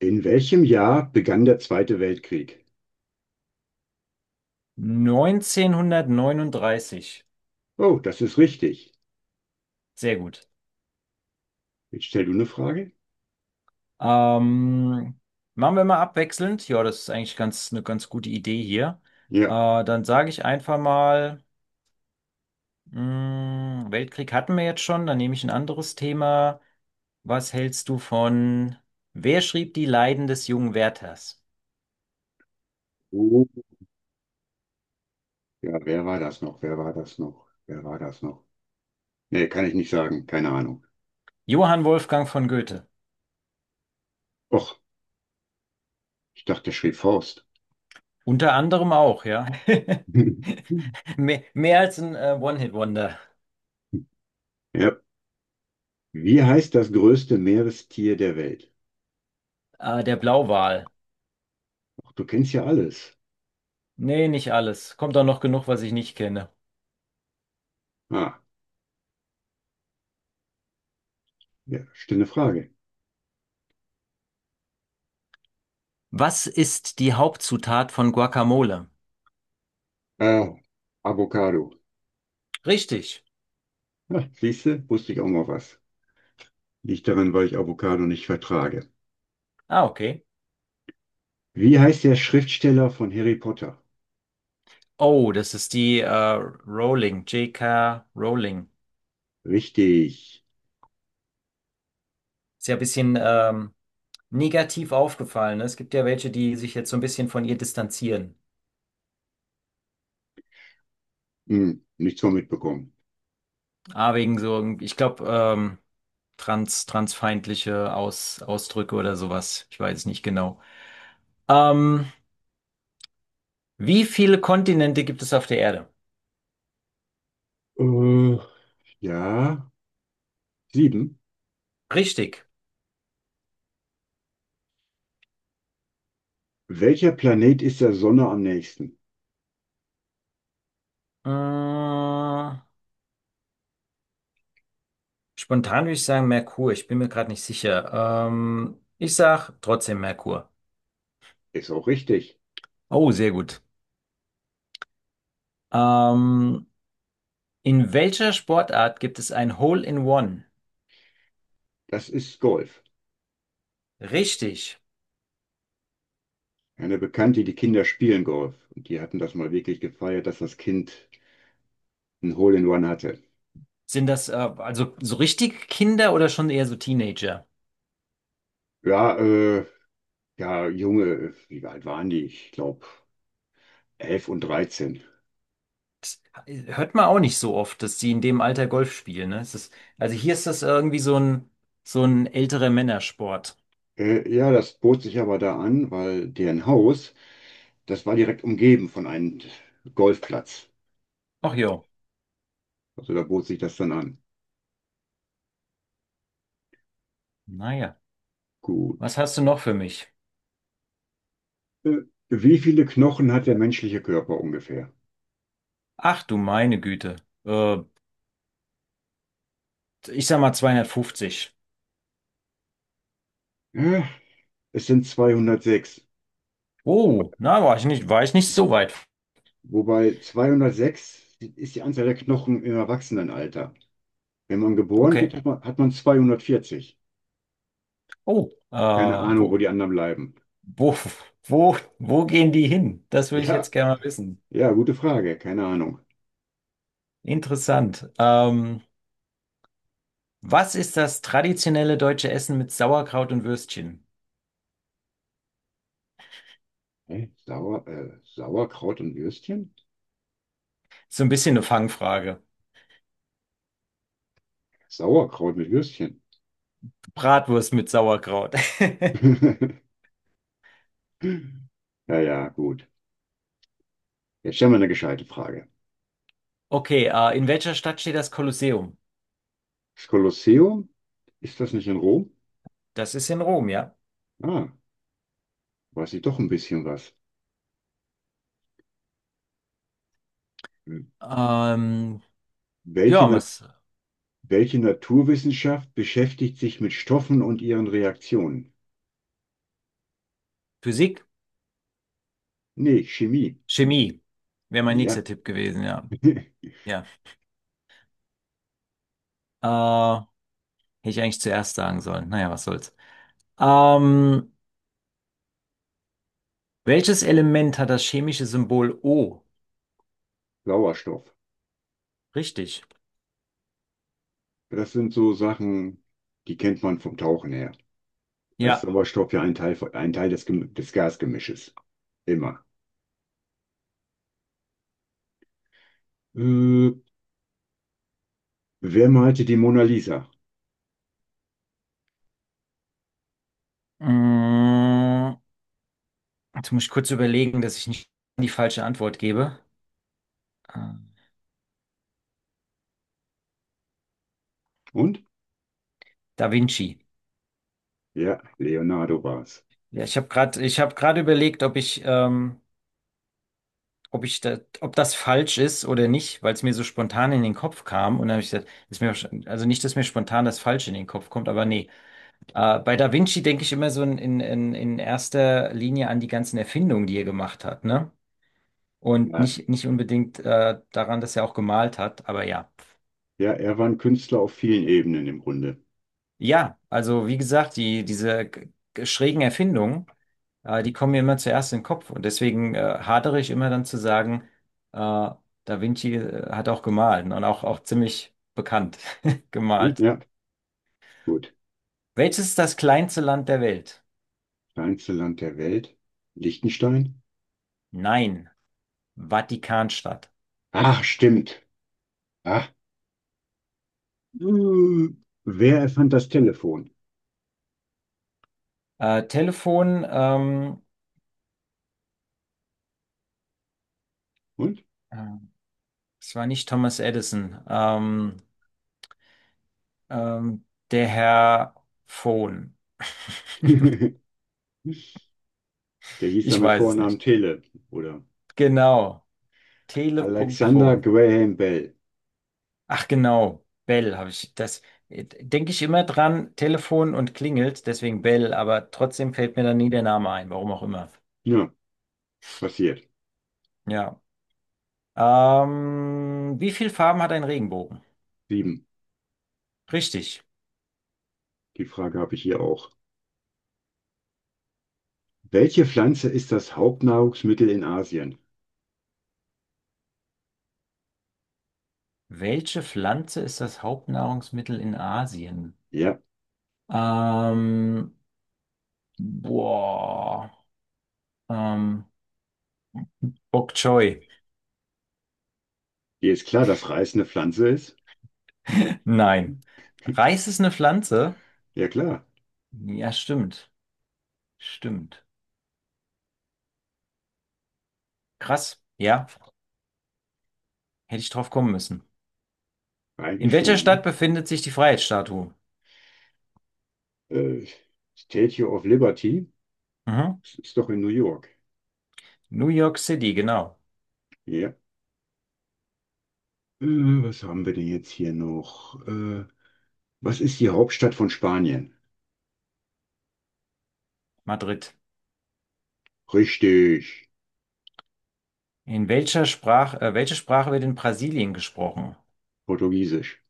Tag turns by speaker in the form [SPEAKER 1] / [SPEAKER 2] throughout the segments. [SPEAKER 1] In welchem Jahr begann der Zweite Weltkrieg?
[SPEAKER 2] 1939.
[SPEAKER 1] Oh, das ist richtig.
[SPEAKER 2] Sehr gut.
[SPEAKER 1] Jetzt stell du eine Frage?
[SPEAKER 2] Ähm, Machen wir mal abwechselnd. Ja, das ist eigentlich ganz, eine ganz gute Idee hier.
[SPEAKER 1] Ja.
[SPEAKER 2] Dann sage ich einfach mal, Weltkrieg hatten wir jetzt schon, dann nehme ich ein anderes Thema. Was hältst du von? Wer schrieb die Leiden des jungen Werthers?
[SPEAKER 1] Oh, ja, wer war das noch? Wer war das noch? Wer war das noch? Nee, kann ich nicht sagen. Keine Ahnung.
[SPEAKER 2] Johann Wolfgang von Goethe.
[SPEAKER 1] Och, ich dachte, der schrieb Faust.
[SPEAKER 2] Unter anderem auch, ja. Mehr als ein One-Hit-Wonder.
[SPEAKER 1] Ja. Wie heißt das größte Meerestier der Welt?
[SPEAKER 2] Der Blauwal.
[SPEAKER 1] Ach, du kennst ja alles.
[SPEAKER 2] Nee, nicht alles. Kommt auch noch genug, was ich nicht kenne.
[SPEAKER 1] Ah, ja, stille Frage.
[SPEAKER 2] Was ist die Hauptzutat von Guacamole?
[SPEAKER 1] Äh, Avocado.
[SPEAKER 2] Richtig.
[SPEAKER 1] Ah, siehste, wusste ich auch mal was. Liegt daran, weil ich Avocado nicht vertrage.
[SPEAKER 2] Ah, okay.
[SPEAKER 1] Wie heißt der Schriftsteller von Harry Potter?
[SPEAKER 2] Oh, das ist die Rowling, J.K. Rowling.
[SPEAKER 1] Richtig.
[SPEAKER 2] Ist ja ein bisschen negativ aufgefallen. Ne? Es gibt ja welche, die sich jetzt so ein bisschen von ihr distanzieren.
[SPEAKER 1] Hm, nichts von mitbekommen.
[SPEAKER 2] Ah, wegen so, ich glaube, transfeindliche Ausdrücke oder sowas. Ich weiß es nicht genau. Ähm, Wie viele Kontinente gibt es auf der Erde?
[SPEAKER 1] Äh, ja, sieben.
[SPEAKER 2] Richtig.
[SPEAKER 1] Welcher Planet ist der Sonne am nächsten?
[SPEAKER 2] Mm, spontan würde ich sagen Merkur. Ich bin mir gerade nicht sicher. Ich sag trotzdem Merkur.
[SPEAKER 1] Ist auch richtig.
[SPEAKER 2] Oh, sehr gut. Ähm, in welcher Sportart gibt es ein Hole-in-One?
[SPEAKER 1] Das ist Golf.
[SPEAKER 2] Richtig.
[SPEAKER 1] Eine Bekannte, die Kinder spielen Golf. Und die hatten das mal wirklich gefeiert, dass das Kind ein Hole in One hatte.
[SPEAKER 2] Sind das also so richtig Kinder oder schon eher so Teenager?
[SPEAKER 1] Ja, ja, Junge, wie alt waren die? Ich glaube, 11 und 13.
[SPEAKER 2] Das hört man auch nicht so oft, dass die in dem Alter Golf spielen. Ne? Es ist, also hier ist das irgendwie so ein älterer Männersport.
[SPEAKER 1] Ja, das bot sich aber da an, weil deren Haus das war direkt umgeben von einem Golfplatz.
[SPEAKER 2] Ach jo.
[SPEAKER 1] Also da bot sich das dann an.
[SPEAKER 2] Naja.
[SPEAKER 1] Gut.
[SPEAKER 2] Was hast du noch für mich?
[SPEAKER 1] Äh, wie viele Knochen hat der menschliche Körper ungefähr?
[SPEAKER 2] Ach du meine Güte. Äh, Ich sag mal 250.
[SPEAKER 1] Äh, Es sind 206.
[SPEAKER 2] Oh, na, war ich nicht so weit.
[SPEAKER 1] Wobei 206 ist die Anzahl der Knochen im Erwachsenenalter. Wenn man geboren wird,
[SPEAKER 2] Okay.
[SPEAKER 1] hat man 240.
[SPEAKER 2] Oh,
[SPEAKER 1] Keine Ahnung, wo
[SPEAKER 2] wo,
[SPEAKER 1] die anderen bleiben.
[SPEAKER 2] wo, wo gehen die hin? Das würde ich jetzt
[SPEAKER 1] Ja,
[SPEAKER 2] gerne mal wissen.
[SPEAKER 1] ja, gute Frage. Keine Ahnung.
[SPEAKER 2] Interessant. Was ist das traditionelle deutsche Essen mit Sauerkraut und Würstchen?
[SPEAKER 1] Hä? Sauerkraut und Würstchen?
[SPEAKER 2] So ein bisschen eine Fangfrage.
[SPEAKER 1] Sauerkraut mit Würstchen.
[SPEAKER 2] Bratwurst mit Sauerkraut.
[SPEAKER 1] Ja, ja, gut. Jetzt stellen wir eine gescheite Frage.
[SPEAKER 2] Okay, in welcher Stadt steht das Kolosseum?
[SPEAKER 1] Das Kolosseum, ist das nicht in Rom?
[SPEAKER 2] Das ist in Rom, ja.
[SPEAKER 1] Ah, weiß ich doch ein bisschen was.
[SPEAKER 2] Ähm,
[SPEAKER 1] Welche,
[SPEAKER 2] ja,
[SPEAKER 1] Na
[SPEAKER 2] was?
[SPEAKER 1] welche Naturwissenschaft beschäftigt sich mit Stoffen und ihren Reaktionen?
[SPEAKER 2] Physik?
[SPEAKER 1] Nee, Chemie.
[SPEAKER 2] Chemie wäre mein
[SPEAKER 1] Ja,
[SPEAKER 2] nächster Tipp gewesen, ja. Ja. Äh, hätte ich eigentlich zuerst sagen sollen. Naja, was soll's. Ähm, welches Element hat das chemische Symbol O?
[SPEAKER 1] Sauerstoff.
[SPEAKER 2] Richtig.
[SPEAKER 1] Das sind so Sachen, die kennt man vom Tauchen her. Da ist
[SPEAKER 2] Ja.
[SPEAKER 1] Sauerstoff ja ein Teil, ein Teil des des Gasgemisches. Immer. Äh, wer malte die Mona Lisa?
[SPEAKER 2] Mm, jetzt muss ich kurz überlegen, dass ich nicht die falsche Antwort gebe. Äh,
[SPEAKER 1] Und?
[SPEAKER 2] Da Vinci.
[SPEAKER 1] Ja, Leonardo war es.
[SPEAKER 2] Ja, ich habe gerade überlegt, ob ich da, ob das falsch ist oder nicht, weil es mir so spontan in den Kopf kam. Und dann habe ich gesagt, ist mir, also nicht, dass mir spontan das Falsche in den Kopf kommt, aber nee. Bei Da Vinci denke ich immer so in erster Linie an die ganzen Erfindungen, die er gemacht hat, ne? Und
[SPEAKER 1] Ja,
[SPEAKER 2] nicht unbedingt daran, dass er auch gemalt hat, aber ja.
[SPEAKER 1] ja, er war ein Künstler auf vielen Ebenen im Grunde.
[SPEAKER 2] Ja, also wie gesagt, diese schrägen Erfindungen, die kommen mir immer zuerst in den Kopf. Und deswegen hadere ich immer dann zu sagen, äh, Da Vinci hat auch gemalt und auch ziemlich bekannt
[SPEAKER 1] Hm,
[SPEAKER 2] gemalt.
[SPEAKER 1] ja, gut.
[SPEAKER 2] Welches ist das kleinste Land der Welt?
[SPEAKER 1] Kleinste Land der Welt? Liechtenstein?
[SPEAKER 2] Nein, Vatikanstadt.
[SPEAKER 1] Ach, stimmt. Ah, Äh, wer erfand das Telefon?
[SPEAKER 2] Telefon,
[SPEAKER 1] Und?
[SPEAKER 2] äh, es war nicht Thomas Edison, ähm, der Herr Phone.
[SPEAKER 1] Der hieß dann
[SPEAKER 2] Ich
[SPEAKER 1] mit
[SPEAKER 2] weiß es
[SPEAKER 1] Vornamen
[SPEAKER 2] nicht.
[SPEAKER 1] Tele oder
[SPEAKER 2] Genau,
[SPEAKER 1] Alexander
[SPEAKER 2] tele.phone.
[SPEAKER 1] Graham Bell.
[SPEAKER 2] Ach genau, Bell habe ich, das denke ich immer dran, Telefon und klingelt, deswegen Bell, aber trotzdem fällt mir dann nie der Name ein, warum auch immer.
[SPEAKER 1] Ja, passiert.
[SPEAKER 2] Ja. Wie viele Farben hat ein Regenbogen?
[SPEAKER 1] Sieben.
[SPEAKER 2] Richtig.
[SPEAKER 1] Die Frage habe ich hier auch. Welche Pflanze ist das Hauptnahrungsmittel in Asien?
[SPEAKER 2] Welche Pflanze ist das Hauptnahrungsmittel in Asien?
[SPEAKER 1] Ja,
[SPEAKER 2] Ähm, boah. Ähm, Bok Choy.
[SPEAKER 1] dir ist klar, dass Reis eine Pflanze ist?
[SPEAKER 2] Nein. Reis ist eine Pflanze?
[SPEAKER 1] Ja, klar.
[SPEAKER 2] Ja, stimmt. Stimmt. Krass. Ja, hätte ich drauf kommen müssen. In
[SPEAKER 1] Eigentlich schon.
[SPEAKER 2] welcher Stadt
[SPEAKER 1] Ne?
[SPEAKER 2] befindet sich die Freiheitsstatue?
[SPEAKER 1] Äh, Statue of Liberty.
[SPEAKER 2] Mhm.
[SPEAKER 1] Das ist doch in New York.
[SPEAKER 2] New York City, genau.
[SPEAKER 1] Ja. Äh, was haben wir denn jetzt hier noch? Was ist die Hauptstadt von Spanien?
[SPEAKER 2] Madrid.
[SPEAKER 1] Richtig.
[SPEAKER 2] In welcher Sprache, welche Sprache wird in Brasilien gesprochen?
[SPEAKER 1] Portugiesisch.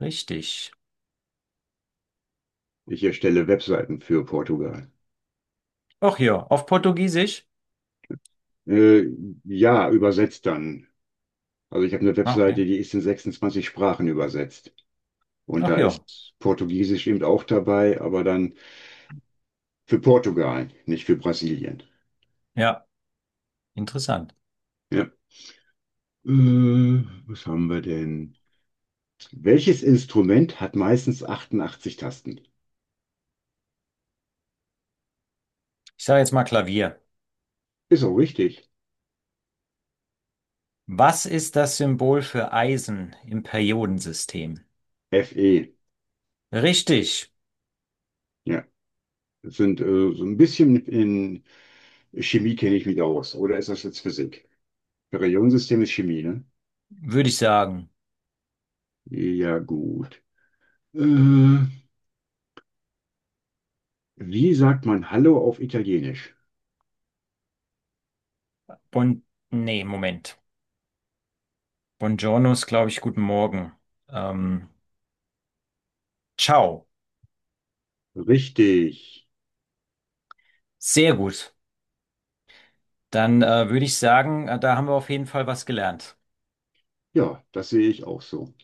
[SPEAKER 2] Richtig.
[SPEAKER 1] Ich erstelle Webseiten für Portugal.
[SPEAKER 2] Ach ja, auf Portugiesisch?
[SPEAKER 1] Äh, ja, übersetzt dann. Also ich habe eine
[SPEAKER 2] Ah, okay.
[SPEAKER 1] Webseite, die ist in 26 Sprachen übersetzt. Und
[SPEAKER 2] Ach
[SPEAKER 1] da
[SPEAKER 2] ja.
[SPEAKER 1] ist Portugiesisch eben auch dabei, aber dann für Portugal, nicht für Brasilien.
[SPEAKER 2] Ja, interessant.
[SPEAKER 1] Ja. Was haben wir denn? Welches Instrument hat meistens 88 Tasten?
[SPEAKER 2] Ich sage jetzt mal Klavier.
[SPEAKER 1] Ist auch richtig.
[SPEAKER 2] Was ist das Symbol für Eisen im Periodensystem?
[SPEAKER 1] F E.
[SPEAKER 2] Richtig,
[SPEAKER 1] Ja. Das sind so ein bisschen in Chemie kenne ich mich aus. Oder ist das jetzt Physik? Periodensystem ist Chemie, ne?
[SPEAKER 2] würde ich sagen.
[SPEAKER 1] Ja, gut. Äh, wie sagt man Hallo auf Italienisch?
[SPEAKER 2] Bon, nee, Moment. Buongiorno ist, glaube ich, guten Morgen. Ähm, ciao.
[SPEAKER 1] Richtig.
[SPEAKER 2] Sehr gut. Dann würde ich sagen, da haben wir auf jeden Fall was gelernt.
[SPEAKER 1] Ja, das sehe ich auch so.